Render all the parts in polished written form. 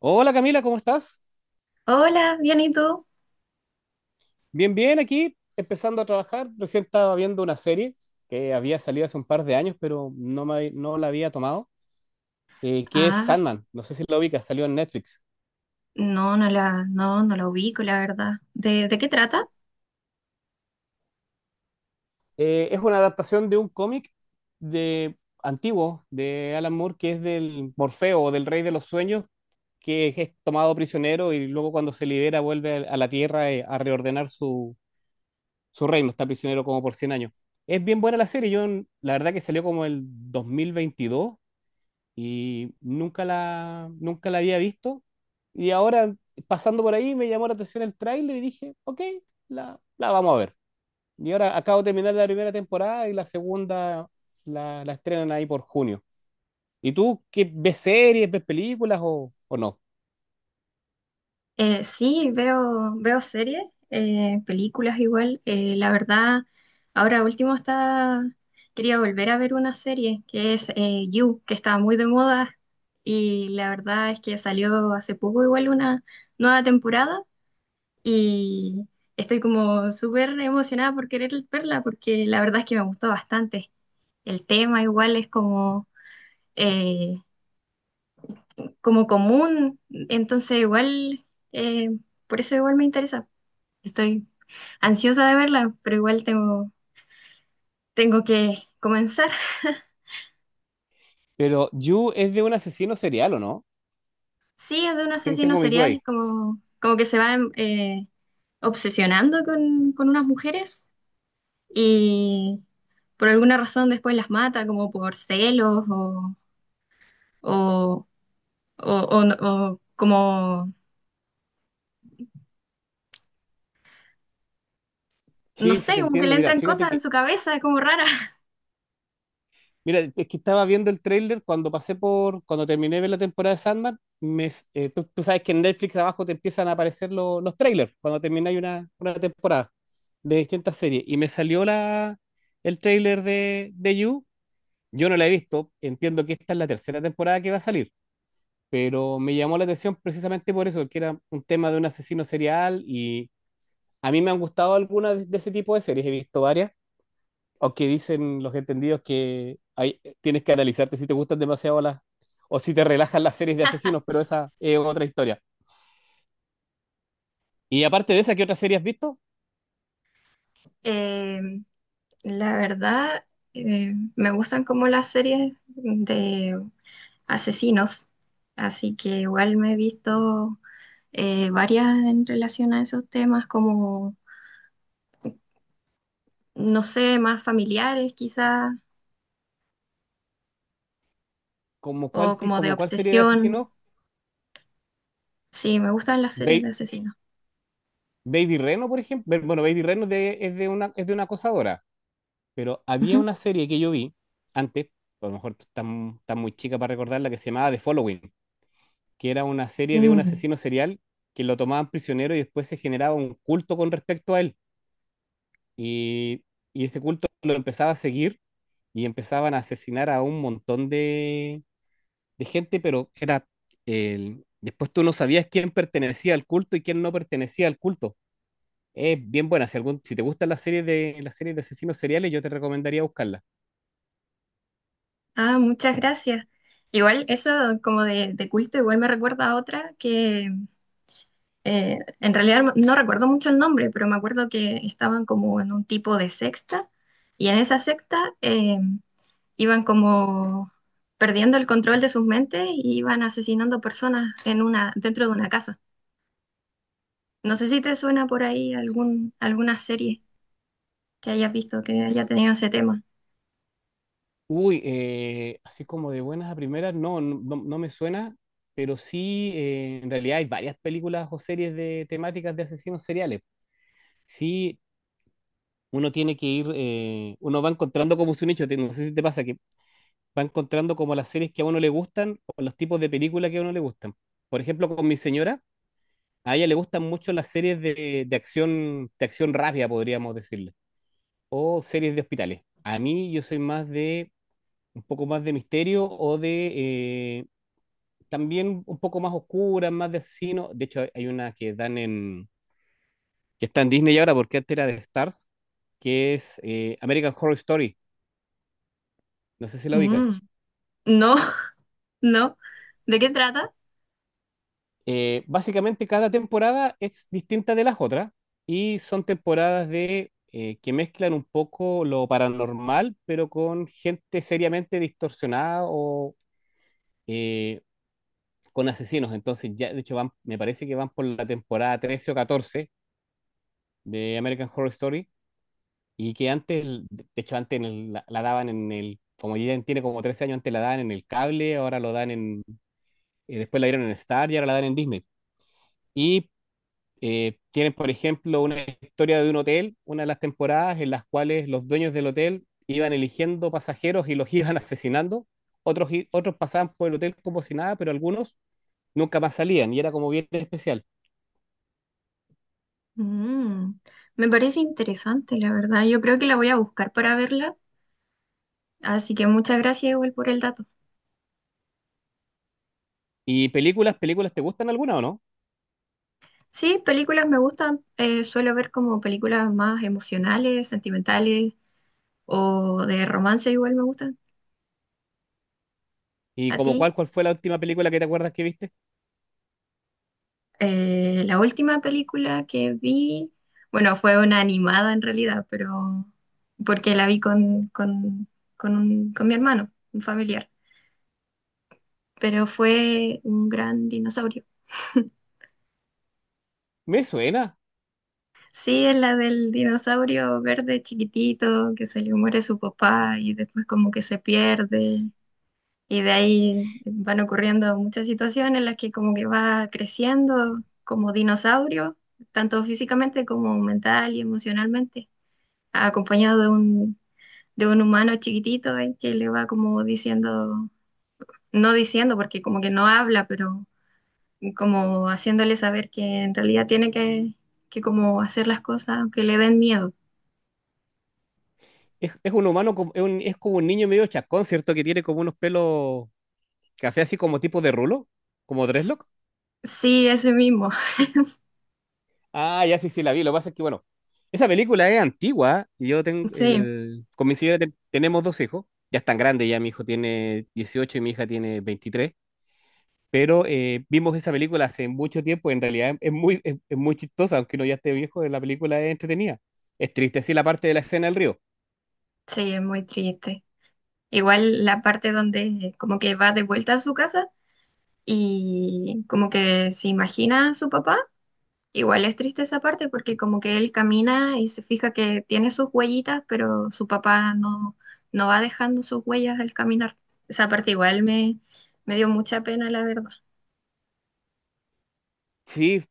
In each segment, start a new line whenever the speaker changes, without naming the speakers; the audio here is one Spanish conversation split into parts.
Hola Camila, ¿cómo estás?
Hola, bien, ¿y tú?
Bien, bien, aquí empezando a trabajar. Recién estaba viendo una serie que había salido hace un par de años, pero no, me, no la había tomado, que es
Ah,
Sandman. No sé si la ubicas, salió en Netflix.
no la ubico, la verdad. ¿De qué trata?
Es una adaptación de un cómic de, antiguo de Alan Moore, que es del Morfeo o del Rey de los Sueños, que es tomado prisionero y luego cuando se libera vuelve a la Tierra a reordenar su, su reino, está prisionero como por 100 años. Es bien buena la serie, yo la verdad que salió como el 2022 y nunca la había visto. Y ahora, pasando por ahí, me llamó la atención el tráiler y dije, ok, la vamos a ver. Y ahora acabo de terminar la primera temporada y la segunda la estrenan ahí por junio. ¿Y tú qué ves series, ves películas o no?
Sí, veo series, películas igual. La verdad, ahora último está, quería volver a ver una serie que es You, que está muy de moda. Y la verdad es que salió hace poco igual una nueva temporada y estoy como súper emocionada por querer verla porque la verdad es que me gustó bastante. El tema igual es como eh, como común, entonces igual, eh, por eso igual me interesa. Estoy ansiosa de verla, pero igual tengo que comenzar.
Pero You es de un asesino serial, ¿o no?
Sí, es de un asesino
Tengo mis dudas
serial,
ahí.
como que se va obsesionando con unas mujeres y por alguna razón después las mata, como por celos o, o- o como, no
Sí, sí,
sé,
te
como que
entiendo.
le
Mira,
entran
fíjate
cosas en
que
su cabeza, es como rara.
mira, es que estaba viendo el tráiler cuando pasé por, cuando terminé de ver la temporada de Sandman, me, tú, sabes que en Netflix abajo te empiezan a aparecer los trailers cuando termináis una temporada de distintas series. Y me salió la, el tráiler de You. Yo no la he visto, entiendo que esta es la tercera temporada que va a salir, pero me llamó la atención precisamente por eso, que era un tema de un asesino serial y a mí me han gustado algunas de ese tipo de series, he visto varias aunque dicen los entendidos que hay, tienes que analizarte si te gustan demasiado las o si te relajan las series de asesinos, pero esa es otra historia. Y aparte de esa, ¿qué otra serie has visto?
Eh, La verdad, me gustan como las series de asesinos, así que igual me he visto varias en relación a esos temas, como, no sé, más familiares quizás,
¿Como
o
cuál,
como de
como cuál serie de
obsesión.
asesinos?
Sí, me gustan las series
Ba-
de asesinos.
Baby Reno, por ejemplo. Bueno, Baby Reno es de una acosadora, pero había
Ujú.
una serie que yo vi antes, a lo mejor está, está muy chica para recordarla, que se llamaba The Following, que era una serie de un
Mm.
asesino serial que lo tomaban prisionero y después se generaba un culto con respecto a él. Y, y ese culto lo empezaba a seguir y empezaban a asesinar a un montón de gente, pero era después tú no sabías quién pertenecía al culto y quién no pertenecía al culto. Es bien buena. Si, algún, si te gustan las series de asesinos seriales, yo te recomendaría buscarla.
Ah, muchas gracias. Igual eso como de culto, igual me recuerda a otra que en realidad no recuerdo mucho el nombre, pero me acuerdo que estaban como en un tipo de secta y en esa secta eh, iban como perdiendo el control de sus mentes y iban asesinando personas en una, dentro de una casa. No sé si te suena por ahí algún, alguna serie que hayas visto que haya tenido ese tema.
Uy, así como de buenas a primeras, no, no, no me suena, pero sí, en realidad hay varias películas o series de temáticas de asesinos seriales. Sí, uno tiene que ir, uno va encontrando como su nicho, no sé si te pasa, que va encontrando como las series que a uno le gustan o los tipos de películas que a uno le gustan. Por ejemplo, con mi señora, a ella le gustan mucho las series de acción rápida, podríamos decirle, o series de hospitales. A mí yo soy más de, un poco más de misterio o de, eh, también un poco más oscura, más de asesino. De hecho, hay una que dan en, que está en Disney ahora, porque antes era de Stars, que es American Horror Story. No sé si la ubicas.
Mm. No, no. ¿De qué trata?
Básicamente cada temporada es distinta de las otras y son temporadas de que mezclan un poco lo paranormal, pero con gente seriamente distorsionada o eh, con asesinos. Entonces ya, de hecho, van, me parece que van por la temporada 13 o 14 de American Horror Story y que antes, de hecho, antes en la, la daban en el, como ya tiene como 13 años, antes la daban en el cable, ahora lo dan en, después la dieron en Star y ahora la dan en Disney. Y tienen, por ejemplo, una historia de un hotel, una de las temporadas en las cuales los dueños del hotel iban eligiendo pasajeros y los iban asesinando. Otros, otros pasaban por el hotel como si nada, pero algunos nunca más salían y era como bien especial.
Mm. Me parece interesante, la verdad. Yo creo que la voy a buscar para verla. Así que muchas gracias igual por el dato.
¿Y películas, películas, te gustan alguna o no?
Sí, películas me gustan. Suelo ver como películas más emocionales, sentimentales o de romance igual me gustan.
¿Y
¿A
como
ti?
cuál, cuál fue la última película que te acuerdas que viste?
La última película que vi, bueno, fue una animada en realidad, pero porque la vi con mi hermano, un familiar, pero fue un gran dinosaurio.
Me suena.
Sí, es la del dinosaurio verde chiquitito que se le muere su papá y después como que se pierde. Y de ahí van ocurriendo muchas situaciones en las que como que va creciendo como dinosaurio, tanto físicamente como mental y emocionalmente, acompañado de de un humano chiquitito ahí que le va como diciendo, no diciendo porque como que no habla, pero como haciéndole saber que en realidad tiene que como hacer las cosas aunque le den miedo.
Es un humano, es, es como un niño medio chacón, ¿cierto? Que tiene como unos pelos café así como tipo de rulo, como dreadlock.
Sí, ese mismo.
Ah, ya sí, sí, la vi. Lo que pasa es que, bueno, esa película es antigua. Yo tengo
Sí,
el... Con mi señora tenemos dos hijos. Ya están grandes, ya mi hijo tiene 18 y mi hija tiene 23. Pero vimos esa película hace mucho tiempo. En realidad es muy chistosa, aunque uno ya esté viejo, la película es entretenida. Es triste, sí, la parte de la escena del río.
sí, es muy triste. Igual la parte donde como que va de vuelta a su casa y como que se imagina a su papá, igual es triste esa parte porque como que él camina y se fija que tiene sus huellitas, pero su papá no, no va dejando sus huellas al caminar. Esa parte me dio mucha pena, la verdad.
Sí,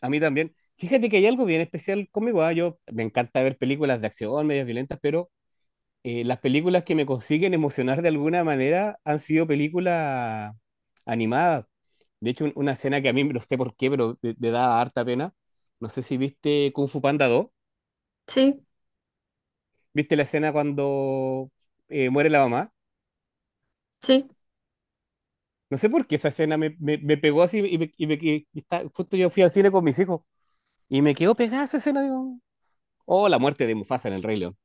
a mí también. Fíjate que hay algo bien especial conmigo. Yo me encanta ver películas de acción, medias violentas, pero las películas que me consiguen emocionar de alguna manera han sido películas animadas. De hecho, una escena que a mí no sé por qué, pero me da harta pena. No sé si viste Kung Fu Panda 2.
Sí,
¿Viste la escena cuando muere la mamá?
sí,
No sé por qué esa escena me, me pegó así y, me, justo yo fui al cine con mis hijos y me quedó pegada esa escena. Digo, oh, la muerte de Mufasa en El Rey León.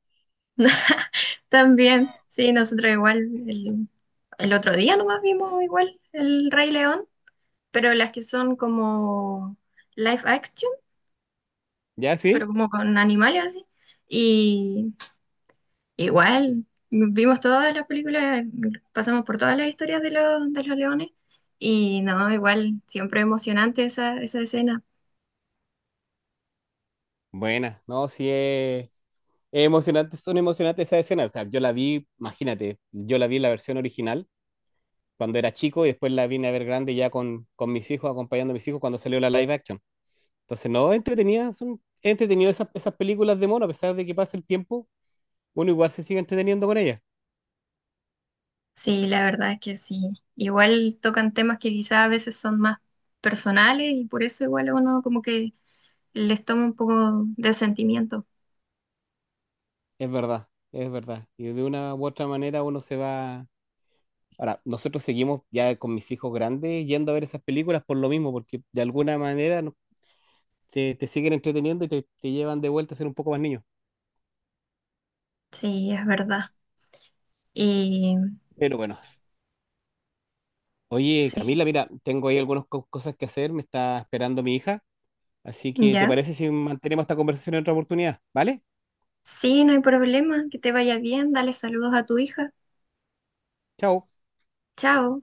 también. Sí, nosotros igual el otro día nomás vimos igual el Rey León, pero las que son como live action,
¿Ya
pero
sí?
como con animales así. Y igual, vimos todas las películas, pasamos por todas las historias de de los leones y no, igual, siempre emocionante esa escena.
Buena, no, sí es emocionante, son emocionantes esas escenas. O sea, yo la vi, imagínate, yo la vi en la versión original cuando era chico y después la vine a ver grande ya con mis hijos, acompañando a mis hijos cuando salió la live action. Entonces, no, entretenida, son es entretenido esas, esas películas de mono, a pesar de que pase el tiempo, uno igual se sigue entreteniendo con ellas.
Sí, la verdad es que sí. Igual tocan temas que quizás a veces son más personales y por eso igual a uno como que les toma un poco de sentimiento.
Es verdad, es verdad. Y de una u otra manera uno se va. Ahora, nosotros seguimos ya con mis hijos grandes yendo a ver esas películas por lo mismo, porque de alguna manera te, te siguen entreteniendo y te llevan de vuelta a ser un poco más niño.
Sí, es verdad. Y
Pero bueno, oye
sí,
Camila, mira, tengo ahí algunas cosas que hacer, me está esperando mi hija, así que ¿te
ya.
parece si mantenemos esta conversación en otra oportunidad? ¿Vale?
Sí, no hay problema, que te vaya bien, dale saludos a tu hija.
Chao.
Chao.